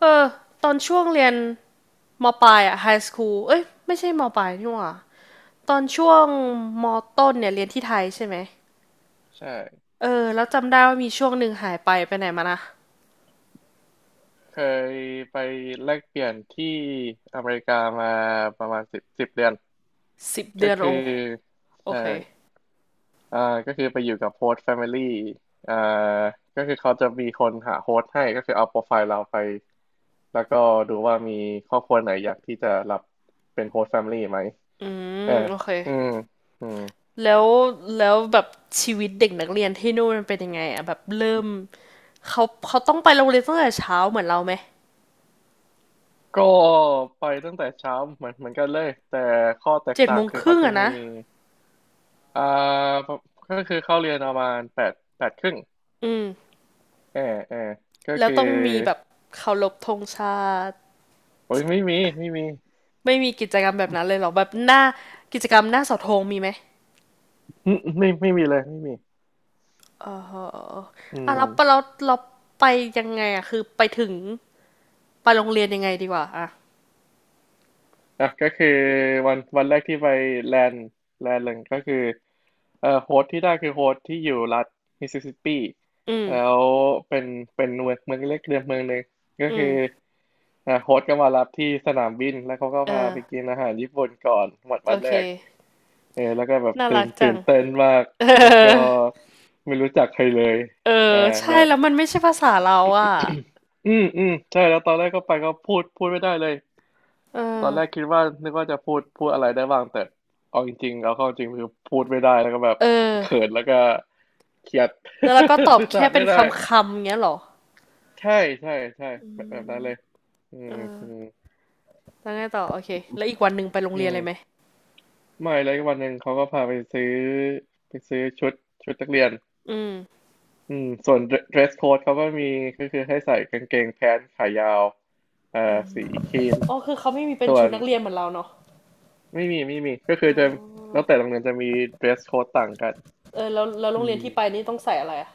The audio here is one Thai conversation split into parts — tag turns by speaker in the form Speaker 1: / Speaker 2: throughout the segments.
Speaker 1: เออตอนช่วงเรียนมปลายอะไฮสคูลเอ้ยไม่ใช่มปลายนี่หว่าตอนช่วงมต้นเนี่ยเรียนที่ไทยใช่ไหม
Speaker 2: ใช่
Speaker 1: เออแล้วจำได้ว่ามีช่วงหนึ่งหายไปไปไหนมานะ
Speaker 2: เคยไปแลกเปลี่ยนที่อเมริกามาประมาณสิบเดือน
Speaker 1: สิบ
Speaker 2: ก็
Speaker 1: เดือน
Speaker 2: คื
Speaker 1: โอ
Speaker 2: อ
Speaker 1: โอ
Speaker 2: ใช่
Speaker 1: เค
Speaker 2: อ่าก็คือไปอยู่กับโฮสต์แฟมิลี่อ่าก็คือเขาจะมีคนหาโฮสต์ให้ก็คือเอาโปรไฟล์เราไปแล้วก็ดูว่ามีครอบครัวไหนอยากที่จะรับเป็นโฮสต์แฟมิลี่ไหม
Speaker 1: อืม
Speaker 2: เออ
Speaker 1: โอเค
Speaker 2: อืมอืม
Speaker 1: แล้วแบบชีวิตเด็กนักเรียนที่นู่นมันเป็นยังไงอะแบบเริ่มเขาเขาต้องไปโรงเรียนตั้งแต่เช้าเหมือนเราไหม
Speaker 2: ก็ไปตั้งแต่เช้าเหมือนกันเลยแต่ข้อแตก
Speaker 1: เจ็ด
Speaker 2: ต่า
Speaker 1: โม
Speaker 2: ง
Speaker 1: ง
Speaker 2: คือ
Speaker 1: ค
Speaker 2: เขา
Speaker 1: รึ่ง
Speaker 2: จะ
Speaker 1: อะ
Speaker 2: มี
Speaker 1: นะ
Speaker 2: อ่าก็คือเข้าเรียนประมาณแปดแปดครึ่ง
Speaker 1: อืม
Speaker 2: ออเออก็
Speaker 1: แล้ว
Speaker 2: คือ
Speaker 1: ต้องมีแบบเคารพธงชาติ
Speaker 2: โอ้ยไม่มีไม่มี
Speaker 1: ไม่มีกิจกรรมแบบนั้นเลยเหรอแบบหน้ากิจกรรมหน้าเสาธงมีไหม
Speaker 2: อืมไม่มีเลยไม่มี
Speaker 1: เออ
Speaker 2: อื
Speaker 1: อ่ะ
Speaker 2: ม
Speaker 1: แล้วเราไปยังไงอ่ะคือไปถึงไปโรงเรียนยังไงดีกว่าอ่ะ
Speaker 2: อ่ะก็คือวันแรกที่ไปแลนด์แลนด์หนึ่งก็คือโฮสต์ที่ได้คือโฮสต์ที่อยู่รัฐมิสซิสซิปปี
Speaker 1: อืม
Speaker 2: แล้วเป็นเป็นเมืองเล็กเดือนเมืองหนึ่งก็
Speaker 1: อื
Speaker 2: คือ
Speaker 1: ม
Speaker 2: อ่ะโฮสต์ก็มารับที่สนามบินแล้วเขาก็
Speaker 1: เอ
Speaker 2: พา
Speaker 1: อ
Speaker 2: ไปกินอาหารญี่ปุ่นก่อนวัน
Speaker 1: โอ
Speaker 2: วัน
Speaker 1: เค
Speaker 2: แรกเออแล้วก็แบบ
Speaker 1: น่า
Speaker 2: ตื่
Speaker 1: รั
Speaker 2: น
Speaker 1: กจั
Speaker 2: ตื่น
Speaker 1: ง
Speaker 2: เต้นมาก
Speaker 1: เออ
Speaker 2: แล้วก็ไม่รู้จักใครเลย
Speaker 1: เออ
Speaker 2: อ่า
Speaker 1: ใช่
Speaker 2: แล้ว
Speaker 1: แล้วมันไม่ใช่ภาษาเราอ่ะ
Speaker 2: อืมอืมใช่แล้วตอนแรกก็ไปก็พูดไม่ได้เลย
Speaker 1: เออ
Speaker 2: ตอนแรกคิดว่านึกว่าจะพูดอะไรได้บ้างแต่เอาเข้าจริงคือพูดไม่ได้แล้วก็แบบ
Speaker 1: เ
Speaker 2: เขิ
Speaker 1: ออ
Speaker 2: นแล้วก็เครียด
Speaker 1: แล้วเราก็ตอ บ
Speaker 2: สื่อ
Speaker 1: แค่
Speaker 2: สาร
Speaker 1: เป็น
Speaker 2: ไม่ได้
Speaker 1: คำคำเงี้ยเหรอ
Speaker 2: ใช่ใช่ใช่
Speaker 1: อื
Speaker 2: แบบนั้
Speaker 1: ม
Speaker 2: นเลยอื
Speaker 1: เอ
Speaker 2: ม
Speaker 1: อ
Speaker 2: อืม
Speaker 1: แล้วไงต่อโอเคแล้วอีกวันหนึ่งไปโรง
Speaker 2: อื
Speaker 1: เรียนเลยไหม
Speaker 2: มไม่เลยวันหนึ่งเขาก็พาไปซื้อไปซื้อชุดชุดนักเรียน
Speaker 1: อืม
Speaker 2: อืมส่วน dress code เขาก็มีก็คือให้ใส่กางเกงแพนขายาวสีครีม
Speaker 1: อ๋อคือเขาไม่มีเป็น
Speaker 2: ส่ว
Speaker 1: ชุด
Speaker 2: น
Speaker 1: นักเรียนเหมือนเราเนาะ
Speaker 2: ไม่มีไม่มีก็คือ
Speaker 1: อ๋อ
Speaker 2: จะแล้วแต่โรงเรียนจะมี dress code ต่างกัน
Speaker 1: เออแล้วโร
Speaker 2: อื
Speaker 1: งเรียน
Speaker 2: ม
Speaker 1: ที่ไปนี่ต้องใส่อะไรอ่ะ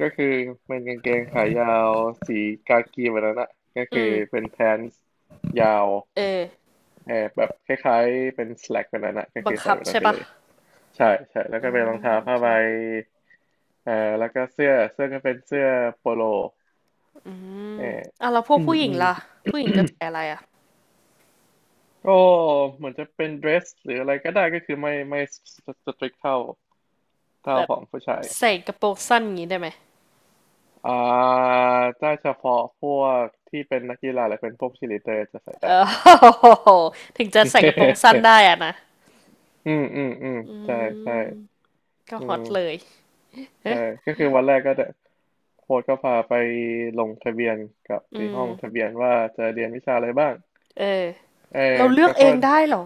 Speaker 2: ก็คือเป็นกางเกงขายาวสีกากีแบบนั้นอะก็คื
Speaker 1: อื
Speaker 2: อ
Speaker 1: ม
Speaker 2: เป็น pants ยาว
Speaker 1: เออ
Speaker 2: แอบแบบคล้ายๆเป็น slack แบบนั้นอะก็
Speaker 1: บั
Speaker 2: คื
Speaker 1: ง
Speaker 2: อใส่
Speaker 1: คับ
Speaker 2: แบบนั้
Speaker 1: ใช่
Speaker 2: นไป
Speaker 1: ปะ
Speaker 2: เลยใช่ใช่แล้ว
Speaker 1: อ่า
Speaker 2: ก็เป็นรองเท้า
Speaker 1: โอ
Speaker 2: ผ้า
Speaker 1: เค
Speaker 2: ใบเอ่อแล้วก็เสื้อก็เป็นเสื้อโปโล
Speaker 1: อืม
Speaker 2: เออ
Speaker 1: อ่ะแล้วพวก
Speaker 2: อืม
Speaker 1: ผู้หญิ
Speaker 2: อื
Speaker 1: ง
Speaker 2: ม
Speaker 1: ล่ะผู้หญิงจะ ใส่อะไรอ่ะ
Speaker 2: ก็เหมือนจะเป็น dress หรืออะไรก็ได้ก็คือไม่ strict เท่า
Speaker 1: แบบ
Speaker 2: ของผู้ชาย
Speaker 1: ใส่กระโปรงสั้นอย่างนี้ได้ไหม
Speaker 2: อ่าถ้าเฉพาะพวกที่เป็นนักกีฬาหรือเป็นพวกชีลีเดอร์จะใส่
Speaker 1: เอ
Speaker 2: ได้
Speaker 1: อ ถึงจะใส่กระโปรงสั้น ได้อ่ะนะ
Speaker 2: อืมอืมอืม
Speaker 1: อื
Speaker 2: ใช่ใช่
Speaker 1: มก็
Speaker 2: อื
Speaker 1: ฮอตเลย
Speaker 2: ม
Speaker 1: เอ๊ะ
Speaker 2: ใช่ก็คือวันแรกก็จะโค้ชก็พาไปลงทะเบียนกับ
Speaker 1: อื
Speaker 2: ที่ห้องทะ
Speaker 1: ม
Speaker 2: เบียนว่าจะเรียนวิชาอะไรบ้าง
Speaker 1: เออ
Speaker 2: เออ
Speaker 1: เราเลือก
Speaker 2: เขา
Speaker 1: เอ
Speaker 2: ก็
Speaker 1: งได้เหรอ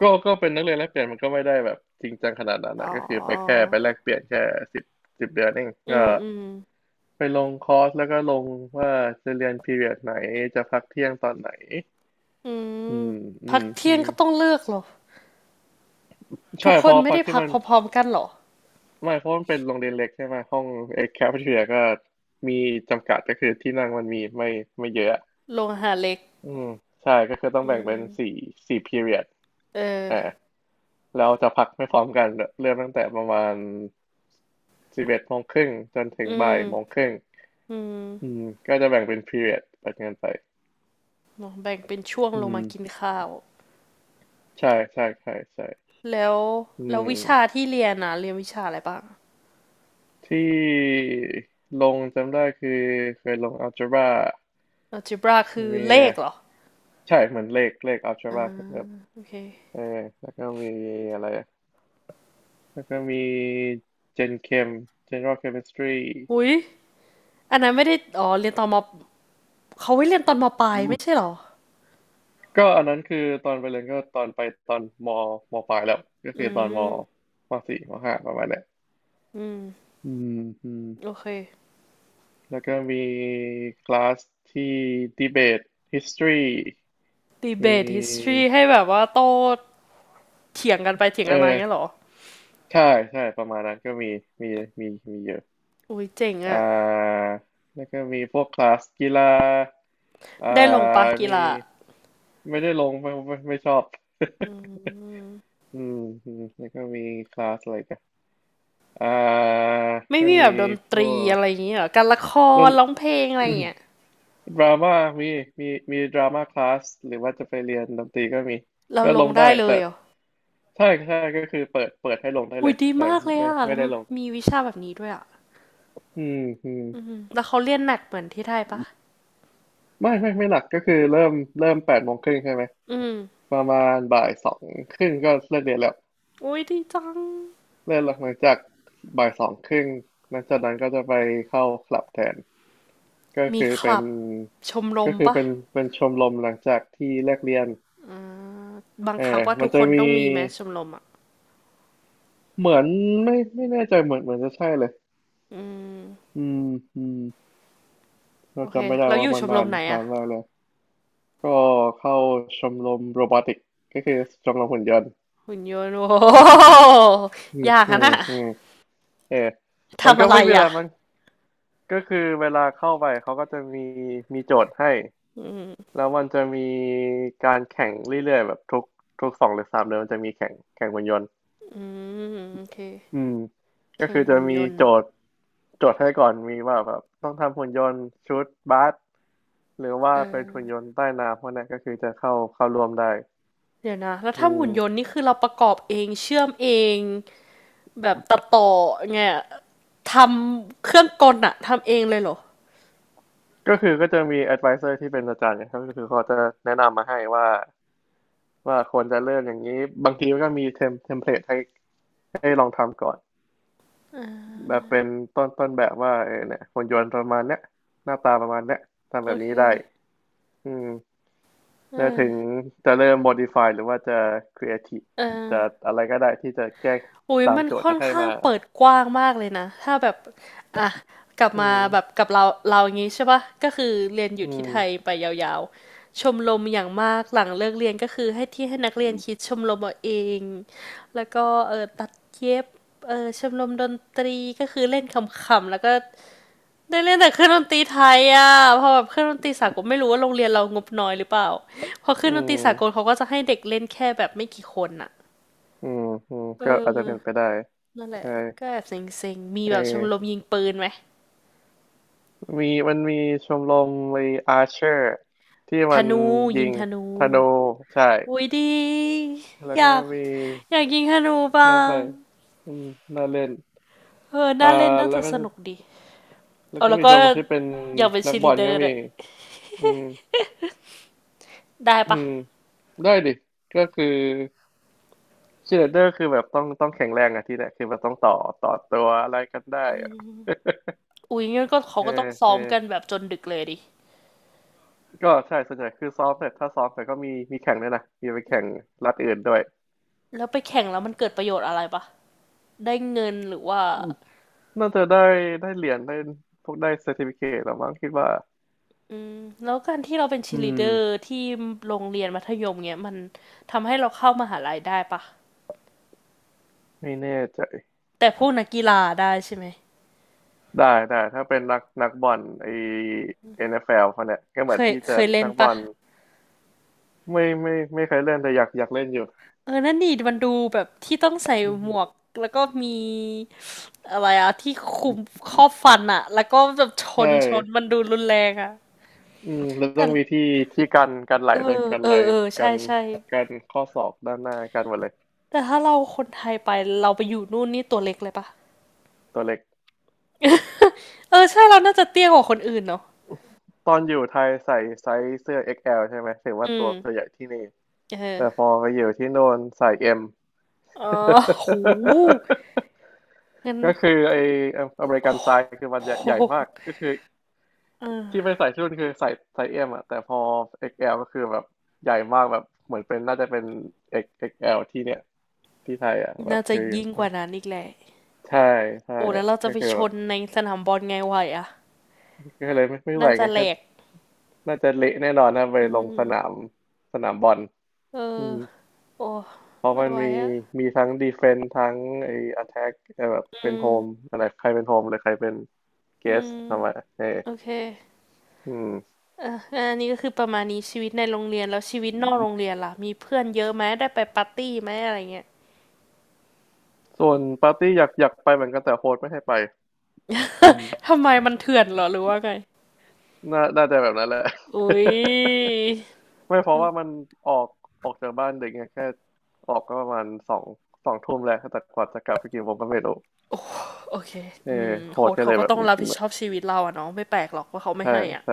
Speaker 2: ก็ก็เป็นนักเรียนแลกเปลี่ยนมันก็ไม่ได้แบบจริงจังขนาดนั้น
Speaker 1: อ๋อ
Speaker 2: นะก็คือไปแค่ไปแลกเปลี่ยนแค่สิบสิบเดือนเอง
Speaker 1: อื
Speaker 2: ก็
Speaker 1: มอืม
Speaker 2: ไปลงคอร์สแล้วก็ลงว่าจะเรียนพีเรียดไหนจะพักเที่ยงตอนไหน
Speaker 1: อื
Speaker 2: อื
Speaker 1: ม
Speaker 2: มอื
Speaker 1: พัก
Speaker 2: ม
Speaker 1: เที่
Speaker 2: อื
Speaker 1: ยง
Speaker 2: ม
Speaker 1: ก็ต้องเลือกเหรอทุ
Speaker 2: ใช่
Speaker 1: กค
Speaker 2: เพ
Speaker 1: น
Speaker 2: ราะ
Speaker 1: ไม่
Speaker 2: พัก
Speaker 1: ได้
Speaker 2: ที่
Speaker 1: พัก
Speaker 2: มัน
Speaker 1: พร้อมๆกันเหรอ
Speaker 2: ไม่เพราะมันเป็นโรงเรียนเล็กใช่ไหมห้องเอ็กแคฟเทียก็มีจำกัดก็คือที่นั่งมันมีไม่เยอะ
Speaker 1: โรงอาหารเล็ก
Speaker 2: อืมใช่ก็คือต้อง
Speaker 1: อื
Speaker 2: แบ่งเป็นสี่
Speaker 1: ม
Speaker 2: สี่พีเรีด
Speaker 1: เออ
Speaker 2: อ่าแล้วจะพักไม่พร้อมกันเริ่มตั้งแต่ประมาณ11:30จนถึ
Speaker 1: อื
Speaker 2: งบ่ายโมง
Speaker 1: ม
Speaker 2: ครึ่ง
Speaker 1: อืม
Speaker 2: อืมก็จะแบ่งเป็นพี r ร o d ดแบบนั้นไป
Speaker 1: เนอะแบ่งเป็นช่วง
Speaker 2: อื
Speaker 1: ลง
Speaker 2: ม
Speaker 1: มากินข้าว
Speaker 2: ใช่ใช่ใช่ใช่
Speaker 1: แล้ว
Speaker 2: อื
Speaker 1: แล้ววิชา
Speaker 2: ม
Speaker 1: ที่เรียนนะเรียนวิชาอะไรบ้าง
Speaker 2: ที่ลงจำได้คือเคยลงอ l g จบ r a
Speaker 1: algebra
Speaker 2: ม
Speaker 1: คือ
Speaker 2: ี
Speaker 1: เลขเหรอ
Speaker 2: ใช่เหมือนเลขอัลจ
Speaker 1: อ่า
Speaker 2: บรา
Speaker 1: โอเค
Speaker 2: เออแล้วก็มีอะไรอะแล้วก็มีเจนเคม General Chemistry
Speaker 1: หุยอันนั้นไม่ได้อ๋อเรียนตอนมเขาไว้เรียนตอนมปลาย
Speaker 2: อืม
Speaker 1: ไม่ใช่เหรอ
Speaker 2: ก็อันนั้นคือตอนไปเรียนก็ตอนไปตอนมปลายแล้วก็
Speaker 1: อื
Speaker 2: คือตอนม
Speaker 1: ม
Speaker 2: มสี่มห้าประมาณเนี้ย
Speaker 1: อืม
Speaker 2: อืมอืม
Speaker 1: โอเค
Speaker 2: แล้วก็มีคลาสที่ดีเบต history มี
Speaker 1: debate history ให้แบบว่าโต้เถียงกันไปเถียง
Speaker 2: เอ
Speaker 1: กันมาอย่า
Speaker 2: อ
Speaker 1: งเงี้ยเหรอ
Speaker 2: ใช่ใช่ประมาณนั้นก็มีมีเยอะ
Speaker 1: อุ้ยเจ๋ง
Speaker 2: อ่
Speaker 1: อะ
Speaker 2: าแล้วก็มีพวกคลาสกีฬาอ่า
Speaker 1: ได้ลงปะกี
Speaker 2: มี
Speaker 1: ฬา
Speaker 2: ไม่ได้ลงไม่ชอบ อืมอืมแล้วก็มีคลาสอะไรกันอ่า
Speaker 1: ไม่
Speaker 2: ก็
Speaker 1: มีแบ
Speaker 2: มี
Speaker 1: บดน
Speaker 2: พ
Speaker 1: ตรี
Speaker 2: วก
Speaker 1: อะไรอย่างเงี้ยเหรอการละค
Speaker 2: ด
Speaker 1: ร
Speaker 2: น
Speaker 1: ร้องเพลงอะไรอย่างเงี้ย
Speaker 2: ดรา ม่ามีมีดราม่าคลาสหรือว่าจะไปเรียนดนตรีก็มี
Speaker 1: เรา
Speaker 2: ก็
Speaker 1: ล
Speaker 2: ล
Speaker 1: ง
Speaker 2: ง
Speaker 1: ได้
Speaker 2: ได้
Speaker 1: เล
Speaker 2: แต่
Speaker 1: ยเหรอ
Speaker 2: ใช่ใช่ก็คือเปิดให้ลงได้
Speaker 1: หุ
Speaker 2: เล
Speaker 1: ย
Speaker 2: ย
Speaker 1: ดี
Speaker 2: แต่
Speaker 1: มากเลย
Speaker 2: ไม่
Speaker 1: อ่ะ
Speaker 2: ไม่
Speaker 1: แล้ว
Speaker 2: ได้ลง
Speaker 1: มีวิชาแบบนี้ด้วยอ่ะ
Speaker 2: อืมอืม
Speaker 1: อืมแล้วเขาเรียนแนดเหมือนที่ไทยปะ
Speaker 2: ไม่หนักก็คือเริ่ม8:30ใช่ไหม
Speaker 1: อืม
Speaker 2: ประมาณบ่ายสองครึ่งก็เลิกเรียนแล้ว
Speaker 1: อุ้ยดีจัง
Speaker 2: เลิกหลังจากบ่ายสองครึ่งหลังจากนั้นก็จะไปเข้าคลับแทน ก็
Speaker 1: มี
Speaker 2: คือ
Speaker 1: ค
Speaker 2: เป็
Speaker 1: ลั
Speaker 2: น
Speaker 1: บชมร
Speaker 2: ก็
Speaker 1: ม
Speaker 2: คือ
Speaker 1: ปะ
Speaker 2: เป็นเป็นชมรมหลังจากที่เลิกเรียน
Speaker 1: อ่าบัง
Speaker 2: เอ
Speaker 1: คั
Speaker 2: อ
Speaker 1: บว่า
Speaker 2: มั
Speaker 1: ทุ
Speaker 2: น
Speaker 1: กค
Speaker 2: จะ
Speaker 1: นต้
Speaker 2: มี
Speaker 1: องมีแมสชมรมอ่ะ
Speaker 2: เหมือนไม่แน่ใจเหมือนจะใช่เลย
Speaker 1: อืม
Speaker 2: อืมอืมเรา
Speaker 1: โอเค
Speaker 2: จำไม่ได้
Speaker 1: แล้วอ
Speaker 2: ว่า
Speaker 1: ยู่
Speaker 2: มั
Speaker 1: ช
Speaker 2: น
Speaker 1: มร
Speaker 2: นา
Speaker 1: ม
Speaker 2: น
Speaker 1: ไหน
Speaker 2: นา
Speaker 1: อ่ะ
Speaker 2: นมากเลยก็เข้าชมรมโรบอติกก็คือชมรมหุ่นยนต์
Speaker 1: หุ่นยนต์โอ้โห
Speaker 2: อืม
Speaker 1: ยาก
Speaker 2: อื
Speaker 1: อะ
Speaker 2: ม
Speaker 1: นะ
Speaker 2: อืมเออมัน
Speaker 1: ทำ
Speaker 2: ก็
Speaker 1: อะไร
Speaker 2: ไม่มีอะ
Speaker 1: อ่ะ
Speaker 2: ไรมันก็คือเวลาเข้าไปเขาก็จะมีโจทย์ให้
Speaker 1: อืม
Speaker 2: แล้วมันจะมีการแข่งเรื่อยๆแบบทุกสองหรือสามเดือนมันจะมีแข่งหุ่นยนต์
Speaker 1: อืมโอเค
Speaker 2: อืมก็
Speaker 1: แข่ง
Speaker 2: คือจะ
Speaker 1: หุ่นย
Speaker 2: มี
Speaker 1: นต์
Speaker 2: โจทย์ให้ก่อนมีว่าแบบต้องทำหุ่นยนต์ชุดบาสหรือว่า
Speaker 1: เ
Speaker 2: เป็นหุ่น
Speaker 1: ออ
Speaker 2: ยนต์ใต้น้ำพวกนั้นก็คือจะเข้าร่วมได้
Speaker 1: เดี๋ยวนะแล้ว
Speaker 2: อื
Speaker 1: ถ้าหุ่นยนต์
Speaker 2: ม
Speaker 1: นี่คือเราประกอบเองเชื่อมเอง แบบตัดต่อไงอะทำเครื่องกลอะทำเองเลยเหรอ
Speaker 2: ก็คือก็จะมี advisor ที่เป็นอาจารย์นะครับก็คือเขาจะแนะนำมาให้ว่าควรจะเริ่มอย่างนี้บางทีก็มีเทมเพลตให้ลองทำก่อนแบบเป็นต้นแบบว่าเออเนี่ยหุ่นยนต์ประมาณเนี้ยหน้าตาประมาณเนี้ยทำ
Speaker 1: โอ
Speaker 2: แบบ
Speaker 1: เค
Speaker 2: นี้ได้อืม
Speaker 1: เ
Speaker 2: แล้วถึง
Speaker 1: ออ
Speaker 2: จะเริ่ม modify หรือว่าจะ creative
Speaker 1: เออ
Speaker 2: จะอะไรก็ได้ที่จะแก้
Speaker 1: อุ้ย
Speaker 2: ตาม
Speaker 1: มัน
Speaker 2: โจทย์
Speaker 1: ค่อ
Speaker 2: ที่
Speaker 1: น
Speaker 2: ให้
Speaker 1: ข้าง
Speaker 2: มา
Speaker 1: เปิดกว้างมากเลยนะถ้าแบบอ่ะกลับ
Speaker 2: อื
Speaker 1: มา
Speaker 2: ม
Speaker 1: แบบกับเราเราอย่างงี้ใช่ปะก็คือเรียนอยู่
Speaker 2: อื
Speaker 1: ที่
Speaker 2: ม
Speaker 1: ไทยไปยาวๆชมรมอย่างมากหลังเลิกเรียนก็คือให้ที่ให้นักเรียนคิดชมรมเอาเองแล้วก็เออตัดเย็บเออชมรมดนตรีก็คือเล่นคำๆแล้วก็ ได้เล่นแต่เครื่องดนตรีไทยอ่ะพอแบบเครื่องดนตรีสากลไม่รู้ว่าโรงเรียนเรางบน้อยหรือเปล่าเพอเครื่อ
Speaker 2: อื
Speaker 1: งดนตรีสากล
Speaker 2: ม
Speaker 1: เขาก็จะให้เด็กเล่นแค่แบบไม่กี่คนอ่ะ
Speaker 2: อืมอืม
Speaker 1: เอ
Speaker 2: ก็อาจจะเป็นไป
Speaker 1: อ
Speaker 2: ได้
Speaker 1: นั่นแหละ
Speaker 2: ใช่
Speaker 1: ก็แอบเซ็งๆมี
Speaker 2: เอ
Speaker 1: แบบชม
Speaker 2: อ
Speaker 1: รมยิงปืนไหม
Speaker 2: มีมีชมรมมArcher ที่
Speaker 1: ธ
Speaker 2: มัน
Speaker 1: นูยิ
Speaker 2: ยิ
Speaker 1: ง
Speaker 2: ง
Speaker 1: ธนู
Speaker 2: ธนูใช่
Speaker 1: อุ้ยดี
Speaker 2: แล้ว
Speaker 1: อ
Speaker 2: ก็
Speaker 1: ยาก
Speaker 2: มี
Speaker 1: อยากยิงธนูบ้า
Speaker 2: น่าไป
Speaker 1: ง
Speaker 2: อืมน่าเล่น
Speaker 1: เออ
Speaker 2: อ่า
Speaker 1: น่าเล่นน่า
Speaker 2: แล้
Speaker 1: จะ
Speaker 2: วก็
Speaker 1: สนุกดีเอาแล้ว
Speaker 2: มี
Speaker 1: ก็
Speaker 2: ชมรมที่เป็น
Speaker 1: อยากเป็น
Speaker 2: นั
Speaker 1: ชี
Speaker 2: กบ
Speaker 1: ลี
Speaker 2: อล
Speaker 1: เดอ
Speaker 2: ก็
Speaker 1: ร์ด้
Speaker 2: มี
Speaker 1: วย
Speaker 2: อืม
Speaker 1: ได้
Speaker 2: อื
Speaker 1: ปะ
Speaker 2: มได้ดิก็คือ ชีเลเดอร์คือแบบต้องแข็งแรงอะที่เนี่ยคือแบบต้องต่อตัวอะไรกันได้อะ
Speaker 1: อุ้ยงั้นก็เขา
Speaker 2: เอ
Speaker 1: ก็ต้
Speaker 2: อ
Speaker 1: องซ้
Speaker 2: เอ
Speaker 1: อ
Speaker 2: อ
Speaker 1: มกันแบบจนดึกเลยดิ
Speaker 2: ก็ใช่ส่วนใหญ่คือซ้อมเสร็จถ้าซ้อมเสร็จก็มีแข่งด้วยนะมีไปแข่งรัฐอื่นด้วย
Speaker 1: แล้วไปแข่งแล้วมันเกิดประโยชน์อะไรปะ ได้เงินหรือว่า
Speaker 2: อืมน่าจะได้ได้เหรียญได้พวกได้เซอร์ติฟิเคตหรือมั้งคิดว่า
Speaker 1: อืมแล้วการที่เราเป็นชี
Speaker 2: อื
Speaker 1: ลี
Speaker 2: ม
Speaker 1: เดอร์ที่โรงเรียนมัธยมเนี้ยมันทำให้เราเข้ามหาลัยได้ปะ
Speaker 2: ไม่แน่ใจ
Speaker 1: แต่พวกนักกีฬาได้ใช่ไหม
Speaker 2: ได้ได้ถ้าเป็นนักบอลNFL พวกเนี่ยก็เหมือนที่
Speaker 1: เค
Speaker 2: จะ
Speaker 1: ยเล่น
Speaker 2: นักบ
Speaker 1: ปะ
Speaker 2: อลไม่ไม่เคยเล่นแต่อยากเล่นอยู่
Speaker 1: เออนั่นนี่มันดูแบบที่ต้องใส่
Speaker 2: อื
Speaker 1: หมว
Speaker 2: ม
Speaker 1: กแล้วก็มีอะไรอะที่คุมครอบฟันอะแล้วก็แบบ
Speaker 2: ใช่
Speaker 1: ชนมันดูรุนแรงอะ
Speaker 2: อืมแล้ว
Speaker 1: แต่
Speaker 2: ต้องมีที่กันไหล
Speaker 1: เอ
Speaker 2: ด้วย
Speaker 1: อ
Speaker 2: กัน
Speaker 1: เอ
Speaker 2: ไหล
Speaker 1: อเออ
Speaker 2: กั
Speaker 1: ใช่
Speaker 2: น
Speaker 1: ใช่
Speaker 2: กันข้อศอกด้านหน้ากันหมดเลย
Speaker 1: แต่ถ้าเราคนไทยไปเราไปอยู่นู่นนี่ตัวเล็กเลยปะ
Speaker 2: ตัวเล็ก
Speaker 1: เออใช่เราน่าจะเตี้ยกว่าคนอื่นเนาะ
Speaker 2: ตอนอยู่ไทยใส่ไซส์เสื้อ XL ใช่ไหมถือ
Speaker 1: อื
Speaker 2: ว่าตั
Speaker 1: ม
Speaker 2: วตัวใหญ่ที่นี่
Speaker 1: เอ
Speaker 2: แต่พ
Speaker 1: อ
Speaker 2: อไปอยู่ที่โน่นใส่ M
Speaker 1: อ๋อโหงั้น
Speaker 2: ก็คือไออเมริกันไซส์คือมั น
Speaker 1: โ
Speaker 2: ใหญ่ใหญ่มาก
Speaker 1: ห
Speaker 2: ก็คือ
Speaker 1: เอ
Speaker 2: ที่ไป
Speaker 1: อ
Speaker 2: ใส่ที่นู่นคือใส่ไซส์ M อ่ะแต่พอ XL กซ์แอลก็คือแบบใหญ่มากแบบเหมือนเป็นน่าจะเป็น x l ที่เนี่ยที่ไทยอ่ะแบ
Speaker 1: น่า
Speaker 2: บ
Speaker 1: จะ
Speaker 2: คือ
Speaker 1: ยิ่งกว่านั้นอีกแหละ
Speaker 2: ใช่ใช่
Speaker 1: โอ้แล้วเราจะ
Speaker 2: ก็
Speaker 1: ไป
Speaker 2: คือ
Speaker 1: ช
Speaker 2: แบบ
Speaker 1: นในสนามบอลไงไหวอะ
Speaker 2: ก็เลยไม่ไหว
Speaker 1: น่าจะ
Speaker 2: ไง
Speaker 1: แหล
Speaker 2: ก็
Speaker 1: ก
Speaker 2: น่าจะเละแน่นอนถ้าไป
Speaker 1: อื
Speaker 2: ลงสนาม
Speaker 1: ม
Speaker 2: สนามบอล
Speaker 1: เอ
Speaker 2: อื
Speaker 1: อ
Speaker 2: ม
Speaker 1: โอ้
Speaker 2: เพราะ
Speaker 1: ไม่
Speaker 2: มัน
Speaker 1: ไหว
Speaker 2: มี
Speaker 1: อะ
Speaker 2: มีทั้งดีเฟน s ์ทั้งไอ้อ t แทกแบบ
Speaker 1: อื
Speaker 2: เป็น
Speaker 1: ม
Speaker 2: โฮมอะไรใครเป็นโฮมเลยใครเป็นเก
Speaker 1: อื
Speaker 2: ส
Speaker 1: ม
Speaker 2: ทำไมเออ
Speaker 1: โอเค
Speaker 2: อืม
Speaker 1: อ่ะอันนี้ก็คือประมาณนี้ชีวิตในโรงเรียนแล้วชีวิตนอกโรงเรียนล่ะมีเพื่อนเยอะไหมได้ไปปาร์ตี้ไหมอะไรเงี้ย
Speaker 2: ส่วนปาร์ตี้อยากไปเหมือนกันแต่โฮสไม่ให้ไปอืม
Speaker 1: ทำไมมันเถื่อนเหรอหรือว่าไง
Speaker 2: น่าจะแบบนั้นแหละ
Speaker 1: อุ๊ย
Speaker 2: ไม่เพราะว่ามันออกจากบ้านเด็กไงแค่ออกก็ประมาณสองสองทุ่มแล้วแต่กว่าจะกลับไปกี่โมงก็ไม่รู้
Speaker 1: โอเค
Speaker 2: เอ
Speaker 1: อื
Speaker 2: อ
Speaker 1: ม
Speaker 2: โฮ
Speaker 1: โฮ
Speaker 2: ส
Speaker 1: สต์
Speaker 2: ก็
Speaker 1: เขา
Speaker 2: เลย
Speaker 1: ก็
Speaker 2: แบบ
Speaker 1: ต้องรับผิดชอบชีวิตเราอะเนาะไม่แปลกหรอกว่าเขาไม่
Speaker 2: ใช่
Speaker 1: ให้อ่ะ
Speaker 2: ใช่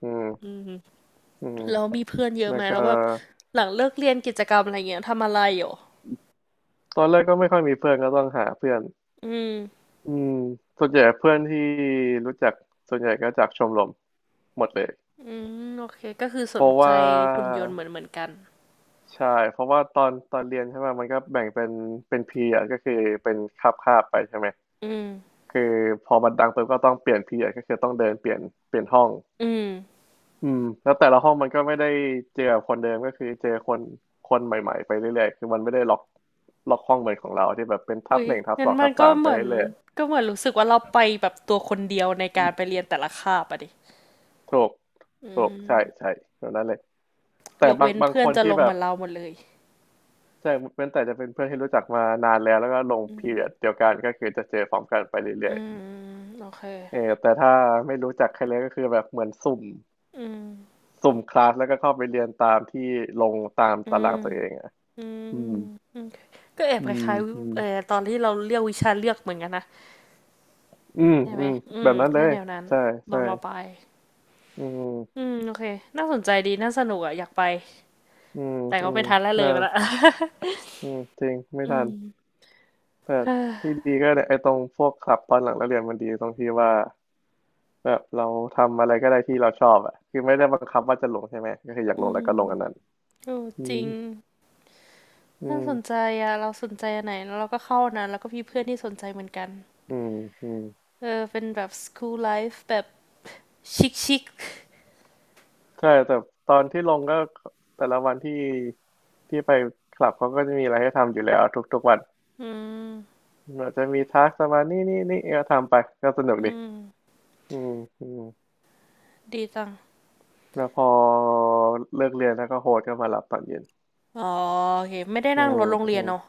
Speaker 2: อืม
Speaker 1: อืม
Speaker 2: อืม
Speaker 1: แล้วมีเพื่อนเยอะ
Speaker 2: แล้
Speaker 1: ไห
Speaker 2: ว
Speaker 1: ม
Speaker 2: ก็
Speaker 1: แล้วแบบหลังเลิกเรียนกิจกรรมอะไรเงี้ยทำอะไรอยูอ
Speaker 2: ตอนแรกก็ไม่ค่อยมีเพื่อนก็ต้องหาเพื่อน
Speaker 1: อืม
Speaker 2: อืมส่วนใหญ่เพื่อนที่รู้จักส่วนใหญ่ก็จากชมรมหมดเลย
Speaker 1: อืมโอเคก็คือส
Speaker 2: เพ
Speaker 1: น
Speaker 2: ราะ
Speaker 1: ใจ
Speaker 2: ว่า
Speaker 1: หุ่นยนต์เหมือนเหมือนกัน
Speaker 2: ใช่เพราะว่าตอนเรียนใช่ไหมมันก็แบ่งเป็นเป็นพีอก็คือเป็นคาบไปใช่ไหม
Speaker 1: อืม
Speaker 2: คือพอมันดังปุ๊บก็ต้องเปลี่ยนพีอ่ะก็คือต้องเดินเปลี่ยนห้อง
Speaker 1: อืม
Speaker 2: อืมแล้วแต่ละห้องมันก็ไม่ได้เจอกับคนเดิมก็คือเจอคนคนใหม่ๆไปเรื่อยๆคือมันไม่ได้ล็อกห้องเหมือนของเราที่แบบเป็นทับ
Speaker 1: อุ้ย
Speaker 2: หนึ่งทับส
Speaker 1: งั้น
Speaker 2: อง
Speaker 1: มั
Speaker 2: ทั
Speaker 1: น
Speaker 2: บ
Speaker 1: ก็
Speaker 2: สาม
Speaker 1: เห
Speaker 2: ไป
Speaker 1: มือน
Speaker 2: เรื่อยๆ
Speaker 1: ก็เหมือนรู้สึกว่าเราไปแบบตัวคนเดียวในการไปเรียนแต่ละคาบอะดิ
Speaker 2: ถูก
Speaker 1: อื
Speaker 2: ถูกใช่
Speaker 1: ม
Speaker 2: ใช่แบบนั้นเลยแต่
Speaker 1: ยก
Speaker 2: บาง
Speaker 1: เว้น
Speaker 2: บาง
Speaker 1: เพื่
Speaker 2: ค
Speaker 1: อน
Speaker 2: น
Speaker 1: จะ
Speaker 2: ที่
Speaker 1: ลง
Speaker 2: แบ
Speaker 1: เหมื
Speaker 2: บ
Speaker 1: อนเราหมดเลย
Speaker 2: ใช่เว้นแต่จะเป็นเพื่อนที่รู้จักมานานแล้วแล้วก็ลง
Speaker 1: อื
Speaker 2: พี
Speaker 1: ม
Speaker 2: เรียดเดียวกันก็คือจะเจอพร้อมกันไป
Speaker 1: อื
Speaker 2: เรื่อย
Speaker 1: มโอเค
Speaker 2: ๆเออแต่ถ้าไม่รู้จักใครเลยก็คือแบบเหมือนสุ่ม
Speaker 1: อืม
Speaker 2: คลาสแล้วก็เข้าไปเรียนตามที่ลงตาม
Speaker 1: อื
Speaker 2: ตา
Speaker 1: ม
Speaker 2: รางตัวเองอ่ะ
Speaker 1: อืม
Speaker 2: อืม
Speaker 1: โอเคก็แอบ
Speaker 2: อื
Speaker 1: ค
Speaker 2: ม
Speaker 1: ล้าย
Speaker 2: อืม
Speaker 1: ๆตอนที่เราเรียกวิชาเลือกเหมือนกันนะ
Speaker 2: อืม
Speaker 1: ใช่ไห
Speaker 2: อื
Speaker 1: ม
Speaker 2: ม
Speaker 1: อื
Speaker 2: แบ
Speaker 1: ม
Speaker 2: บนั้นเล
Speaker 1: แค่
Speaker 2: ย
Speaker 1: แนวนั้น
Speaker 2: ใช่
Speaker 1: ตอ
Speaker 2: ใช่
Speaker 1: นมปลาย
Speaker 2: อื
Speaker 1: อื
Speaker 2: ม
Speaker 1: ม โอเคน่าสนใจดีน่าสนุกอะอยากไป
Speaker 2: อืม
Speaker 1: แต่
Speaker 2: อื
Speaker 1: ก็
Speaker 2: ม
Speaker 1: ไม่ทันแล้วเลย
Speaker 2: น่า
Speaker 1: ไปละ
Speaker 2: อืมจริงไม่
Speaker 1: อื
Speaker 2: ทัน
Speaker 1: ม
Speaker 2: แต่
Speaker 1: เอ
Speaker 2: ที่
Speaker 1: อ
Speaker 2: ดีก็เนี่ยไอ้ตรงพวกคลับตอนหลังเราเรียนมันดีตรงที่ว่าแบบเราทำอะไรก็ได้ที่เราชอบอ่ะคือไม่ได้บังคับว่าจะลงใช่ไหมก็คืออยาก
Speaker 1: อื
Speaker 2: ลงแล้วก็ลงอันนั้น
Speaker 1: มโอ้
Speaker 2: อื
Speaker 1: จริ
Speaker 2: ม
Speaker 1: ง
Speaker 2: อื
Speaker 1: น่า
Speaker 2: ม
Speaker 1: สนใจอะเราสนใจอันไหนแล้วเราก็เข้าอันนั้นแล้วก็มีเพื่อนที่สนใจเหมือนกัน
Speaker 2: อืมอืม
Speaker 1: เออเป็นแบบ school life แบบชิคชิค
Speaker 2: ใช่แต่ตอนที่ลงก็แต่ละวันที่ไปคลับเขาก็จะมีอะไรให้ทำอยู่แล้วทุกๆวัน
Speaker 1: อืม
Speaker 2: อาจจะมีทักประมาณนี่นี่นี่เออทำไปก็สนุก
Speaker 1: อื
Speaker 2: ดี
Speaker 1: ม
Speaker 2: อืมอืม
Speaker 1: ดีจัง
Speaker 2: แล้วพอเลิกเรียนแล้วก็โฮสต์ก็มารับตอนเย็น
Speaker 1: อ๋อโอเคไม่ได้
Speaker 2: อื
Speaker 1: นั่งร
Speaker 2: ม
Speaker 1: ถโรงเรี
Speaker 2: อื
Speaker 1: ยน
Speaker 2: ม
Speaker 1: เนาะ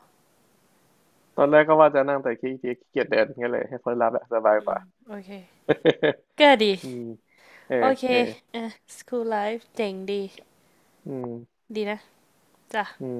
Speaker 2: ตอนแรกก็ว่าจะนั่งแต่ขี้เกียจเดินงั้นเลยให้คนรับอะสบายกว่า
Speaker 1: โอเคก็ดี
Speaker 2: อืมเอ
Speaker 1: โอ
Speaker 2: อ
Speaker 1: เค
Speaker 2: เออ
Speaker 1: เออ school life เจ๋งดี
Speaker 2: อืม
Speaker 1: ดีนะจ้ะ
Speaker 2: อืม